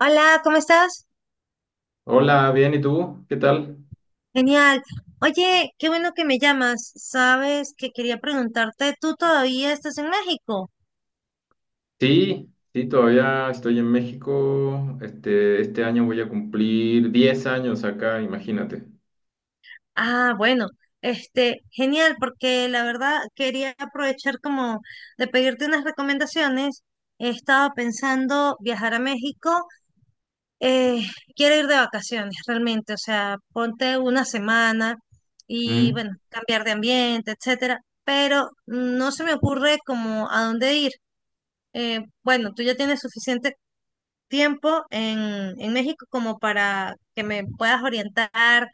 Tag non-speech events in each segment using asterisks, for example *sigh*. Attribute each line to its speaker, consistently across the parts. Speaker 1: Hola, ¿cómo estás?
Speaker 2: Hola, bien, ¿y tú? ¿Qué tal?
Speaker 1: Genial. Oye, qué bueno que me llamas. Sabes que quería preguntarte, ¿tú todavía estás en México?
Speaker 2: Sí, sí, todavía estoy en México. Este año voy a cumplir 10 años acá, imagínate.
Speaker 1: Ah, bueno, genial, porque la verdad quería aprovechar como de pedirte unas recomendaciones. He estado pensando viajar a México. eh, Quiero ir de vacaciones realmente, o sea, ponte una semana y
Speaker 2: Mm,
Speaker 1: bueno, cambiar de ambiente, etcétera, pero no se me ocurre como a dónde ir. Bueno, tú ya tienes suficiente tiempo en México como para que me puedas orientar.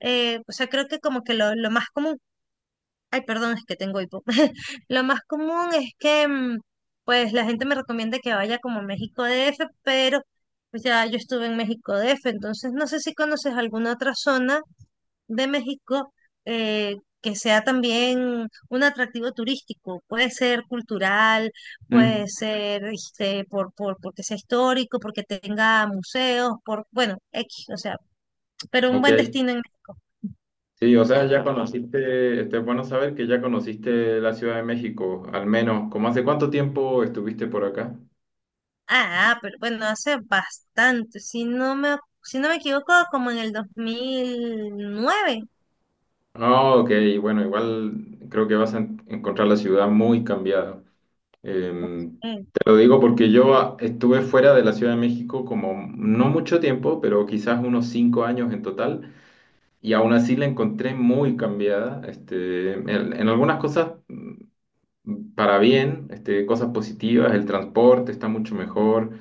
Speaker 1: O sea, creo que como que lo más común, ay, perdón, es que tengo hipo. *laughs* Lo más común es que, pues, la gente me recomienda que vaya como a México DF, pero pues ya yo estuve en México DF, entonces no sé si conoces alguna otra zona de México. Que sea también un atractivo turístico. Puede ser cultural, puede
Speaker 2: mm.
Speaker 1: ser este, porque sea histórico, porque tenga museos, por, bueno, X, o sea, pero un
Speaker 2: Ok.
Speaker 1: buen destino en México.
Speaker 2: Sí, o sea, ya conociste, este, es bueno saber que ya conociste la Ciudad de México, al menos. ¿Cómo hace cuánto tiempo estuviste por acá?
Speaker 1: Pero bueno, hace bastante, si no me equivoco, como en el 2009.
Speaker 2: Ah, ok, bueno, igual creo que vas a encontrar la ciudad muy cambiada.
Speaker 1: Ok.
Speaker 2: Eh, Te lo digo porque yo estuve fuera de la Ciudad de México como no mucho tiempo, pero quizás unos 5 años en total, y aún así la encontré muy cambiada, este, en algunas cosas para bien, este, cosas positivas, el transporte está mucho mejor,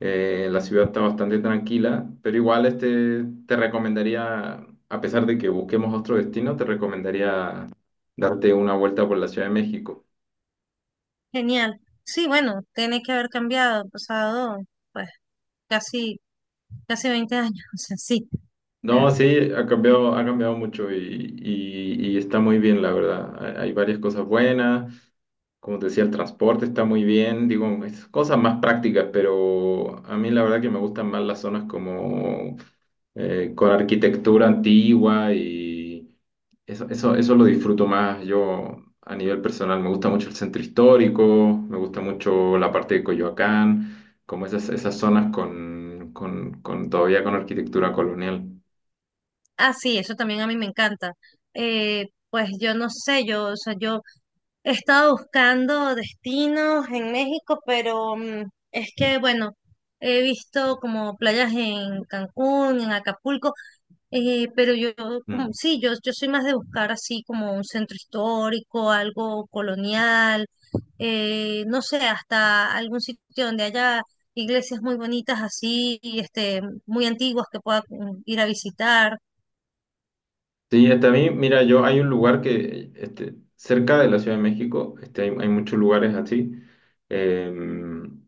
Speaker 2: la ciudad está bastante tranquila, pero igual este, te recomendaría, a pesar de que busquemos otro destino, te recomendaría darte una vuelta por la Ciudad de México.
Speaker 1: Genial. Sí, bueno, tiene que haber cambiado, pasado, pues, casi, casi 20 años, *laughs* o sea, sí.
Speaker 2: No, sí, ha cambiado mucho y, y está muy bien, la verdad. Hay varias cosas buenas. Como te decía, el transporte está muy bien. Digo, es cosas más prácticas, pero a mí la verdad que me gustan más las zonas como con arquitectura antigua y eso, eso lo disfruto más. Yo a nivel personal me gusta mucho el centro histórico, me gusta mucho la parte de Coyoacán, como esas zonas con todavía con arquitectura colonial.
Speaker 1: Ah, sí, eso también a mí me encanta. Pues yo no sé, o sea, yo he estado buscando destinos en México, pero es que, bueno, he visto como playas en Cancún, en Acapulco, eh, pero yo,
Speaker 2: Mm.
Speaker 1: como, sí, yo soy más de buscar así como un centro histórico, algo colonial, no sé, hasta algún sitio donde haya iglesias muy bonitas así, este, muy antiguas que pueda ir a visitar.
Speaker 2: Sí, hasta a mí, mira, yo hay un lugar que, este, cerca de la Ciudad de México, este, hay muchos lugares así, em,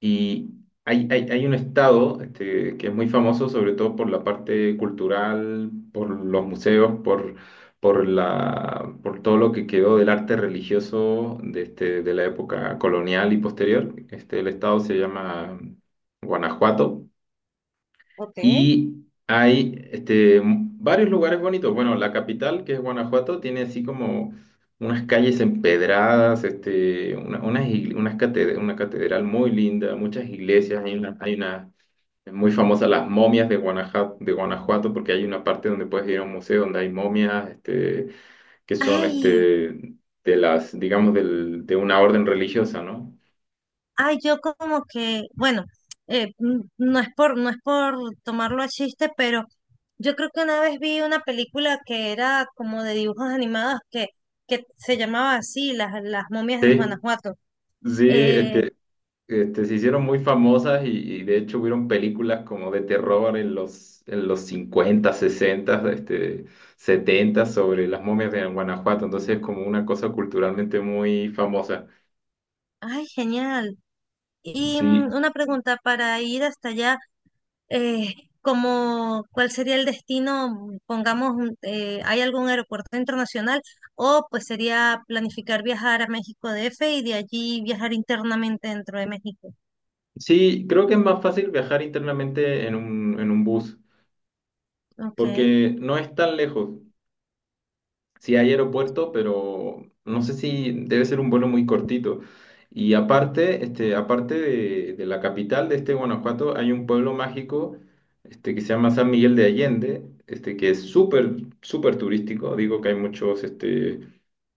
Speaker 2: y hay un estado, este, que es muy famoso, sobre todo por la parte cultural, por los museos, por por todo lo que quedó del arte religioso de, este, de la época colonial y posterior. Este, el estado se llama Guanajuato.
Speaker 1: Ok.
Speaker 2: Y hay este, varios lugares bonitos. Bueno, la capital, que es Guanajuato, tiene así como unas calles empedradas, este, una catedral muy linda, muchas iglesias. Hay una muy famosa, las momias de Guanajuato, porque hay una parte donde puedes ir a un museo donde hay momias este, que son
Speaker 1: Ay.
Speaker 2: este, de las, digamos, de una orden religiosa, ¿no?
Speaker 1: Yo como que, bueno, no es por, no es por tomarlo a chiste, pero yo creo que una vez vi una película que era como de dibujos animados que se llamaba así, las momias de
Speaker 2: Sí,
Speaker 1: Guanajuato.
Speaker 2: sí,
Speaker 1: Eh,
Speaker 2: este, se hicieron muy famosas y de hecho hubieron películas como de terror en en los 50 60, este, 70 sobre las momias de Guanajuato, entonces es como una cosa culturalmente muy famosa.
Speaker 1: Ay, genial. Y
Speaker 2: Sí,
Speaker 1: una pregunta para ir hasta allá. eh, Como cuál sería el destino, pongamos, ¿hay algún aeropuerto internacional? O pues sería planificar viajar a México DF y de allí viajar internamente dentro de México.
Speaker 2: sí, creo que es más fácil viajar internamente en en un bus,
Speaker 1: Okay.
Speaker 2: porque no es tan lejos. Sí, hay aeropuerto, pero no sé si debe ser un vuelo muy cortito. Y aparte, este, aparte de la capital de este Guanajuato, hay un pueblo mágico, este, que se llama San Miguel de Allende, este, que es súper turístico. Digo que hay muchos, este,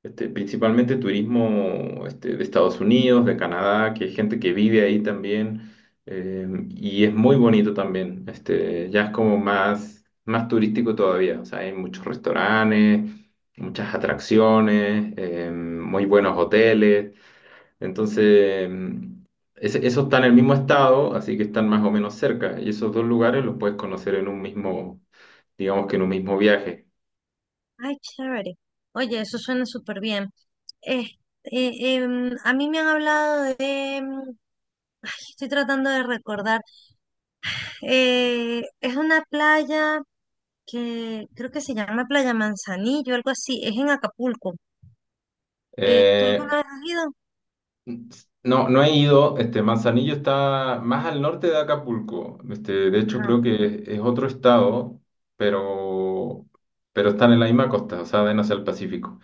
Speaker 2: este, principalmente turismo, este, de Estados Unidos, de Canadá, que hay gente que vive ahí también. eh, y es muy bonito también. Este, ya es como más turístico todavía. O sea, hay muchos restaurantes muchas atracciones, muy buenos hoteles. Entonces, eso está en el mismo estado, así que están más o menos cerca. Y esos dos lugares los puedes conocer en un mismo, digamos que en un mismo viaje.
Speaker 1: Ay, chévere. Oye, eso suena súper bien. Eh, a mí me han hablado de, em, estoy tratando de recordar, es una playa que creo que se llama Playa Manzanillo, algo así, es en Acapulco. ¿Tú
Speaker 2: Eh,
Speaker 1: alguna vez has ido?
Speaker 2: no, no he ido. Este, Manzanillo está más al norte de Acapulco. Este, de hecho, creo que es otro estado, pero, pero están en la misma costa, o sea, ven hacia el Pacífico.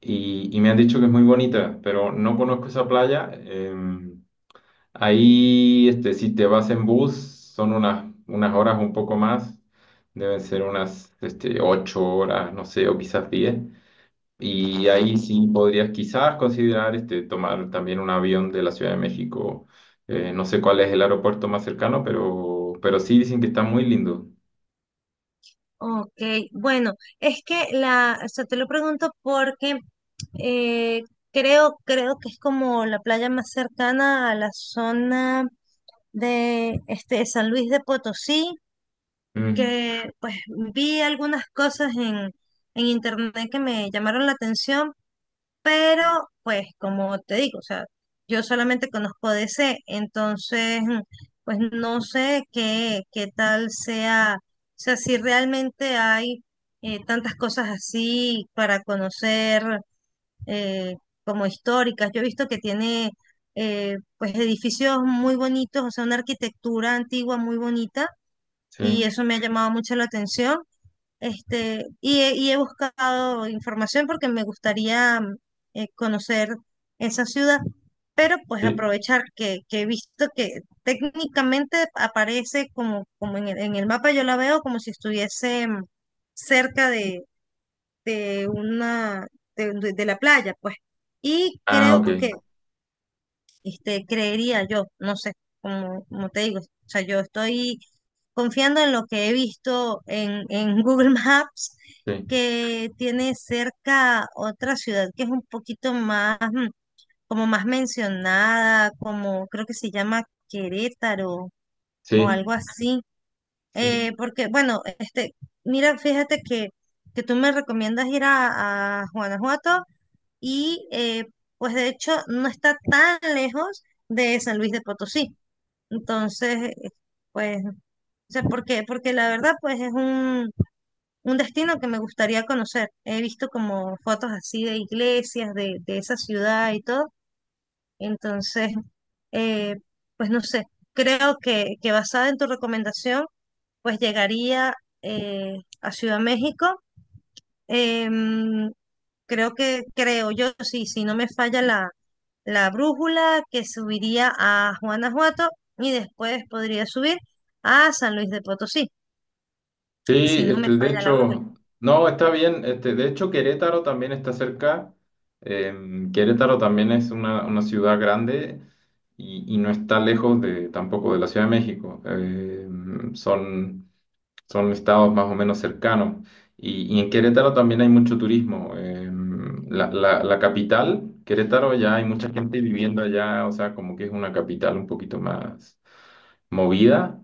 Speaker 2: Y me han dicho que es muy bonita, pero no conozco esa playa. Ahí, este, si te vas en bus, son unas, unas horas un poco más, deben ser unas, este, 8 horas, no sé, o quizás diez. Y ahí sí podrías quizás considerar, este, tomar también un avión de la Ciudad de México. No sé cuál es el aeropuerto más cercano, pero sí dicen que está muy lindo.
Speaker 1: Ok, bueno, es que la, o sea, te lo pregunto porque eh, creo que es como la playa más cercana a la zona de este San Luis de Potosí,
Speaker 2: Mm,
Speaker 1: que pues vi algunas cosas en internet que me llamaron la atención, pero, pues, como te digo, o sea, yo solamente conozco DC, entonces, pues no sé qué, qué tal sea, o sea, si realmente hay tantas cosas así para conocer eh, como históricas. Yo he visto que tiene, pues, edificios muy bonitos, o sea, una arquitectura antigua muy bonita, y
Speaker 2: sí,
Speaker 1: eso me ha llamado mucho la atención. Este, y he buscado información porque me gustaría conocer esa ciudad, pero pues
Speaker 2: sí.
Speaker 1: aprovechar que he visto que técnicamente aparece como, como en en el mapa, yo la veo como si estuviese cerca de una de la playa, pues. Y
Speaker 2: Ah,
Speaker 1: creo
Speaker 2: ok.
Speaker 1: que este, creería yo, no sé, como te digo, o sea, yo estoy confiando en lo que he visto en *laughs* Google Maps,
Speaker 2: Sí,
Speaker 1: que tiene cerca otra ciudad que es un poquito más, como más mencionada, como creo que se llama Querétaro o algo
Speaker 2: sí,
Speaker 1: así.
Speaker 2: sí.
Speaker 1: Porque, bueno, este, mira, que tú me recomiendas ir a Guanajuato y pues de hecho no está tan lejos de San Luis de Potosí. Entonces, pues, o sea, porque la verdad pues es un destino que me gustaría conocer. He visto como fotos así de iglesias, de esa ciudad y todo. Entonces, eh, pues no sé, creo que basada en tu recomendación, pues llegaría a Ciudad México. Em, Creo que, creo yo, sí, si no me falla la brújula, que subiría a Guanajuato y después podría subir a San Luis de Potosí,
Speaker 2: Sí,
Speaker 1: si no me
Speaker 2: este, de
Speaker 1: falla la brújula.
Speaker 2: hecho, no, está bien. Este, de hecho, Querétaro también está cerca. Querétaro también es una ciudad grande y no está lejos de, tampoco de la Ciudad de México. Son, son estados más o menos cercanos. Y en Querétaro también hay mucho turismo. La capital, Querétaro, ya hay mucha gente viviendo allá, o sea, como que es una capital un poquito más movida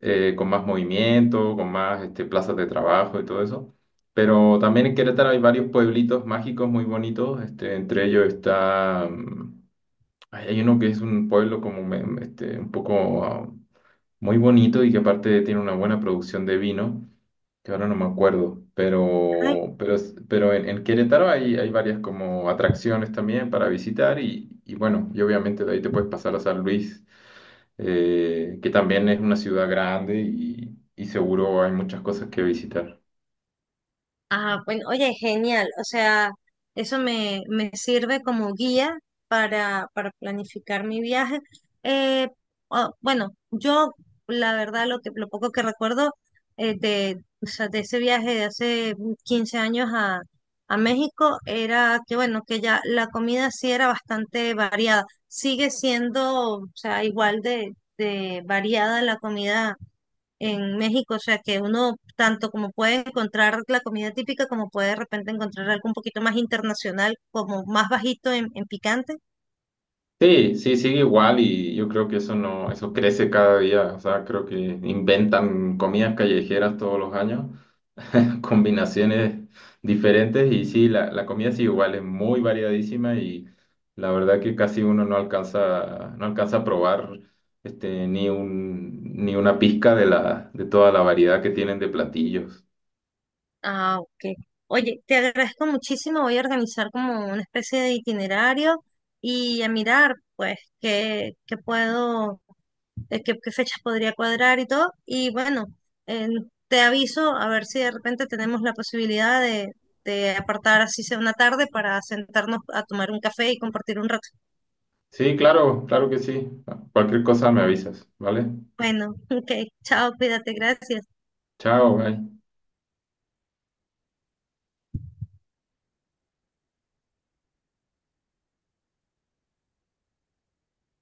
Speaker 2: con más movimiento, con más este, plazas de trabajo y todo eso. Pero también en Querétaro hay varios pueblitos mágicos muy bonitos. Este, entre ellos está, ay, hay uno que es un pueblo como este, un poco muy bonito y que aparte tiene una buena producción de vino que ahora no me acuerdo,
Speaker 1: Ay.
Speaker 2: pero, pero en Querétaro hay, hay varias como atracciones también para visitar y bueno, y obviamente de ahí te puedes pasar a San Luis, que también es una ciudad grande y seguro hay muchas cosas que visitar.
Speaker 1: Ah, bueno, oye, genial. O sea, eso me sirve como guía para planificar mi viaje. Eh, ah, bueno, yo la verdad lo que, lo poco que recuerdo de, o sea, de ese viaje de hace 15 años a México era que, bueno, que ya la comida sí era bastante variada. Sigue siendo, o sea, igual de variada la comida en México, o sea que uno tanto como puede encontrar la comida típica, como puede de repente encontrar algo un poquito más internacional, como más bajito en picante.
Speaker 2: Sí, sí, sigue igual y yo creo que eso no, eso crece cada día, o sea, creo que inventan comidas callejeras todos los años combinaciones diferentes y sí, la comida sí igual es muy variadísima y la verdad que casi uno no alcanza, no alcanza a probar este, ni una pizca de la, de toda la variedad que tienen de platillos.
Speaker 1: Ah, ok. Oye, te agradezco muchísimo, voy a organizar como una especie de itinerario y a mirar pues qué, qué puedo, qué, qué fechas podría cuadrar y todo. Y bueno, eh, te aviso a ver si de repente tenemos la posibilidad de apartar así sea una tarde para sentarnos a tomar un café y compartir un rato.
Speaker 2: Sí, claro, claro que sí. Cualquier cosa me avisas, ¿vale?
Speaker 1: Bueno, *laughs* ok, chao, cuídate, gracias.
Speaker 2: Chao, bye.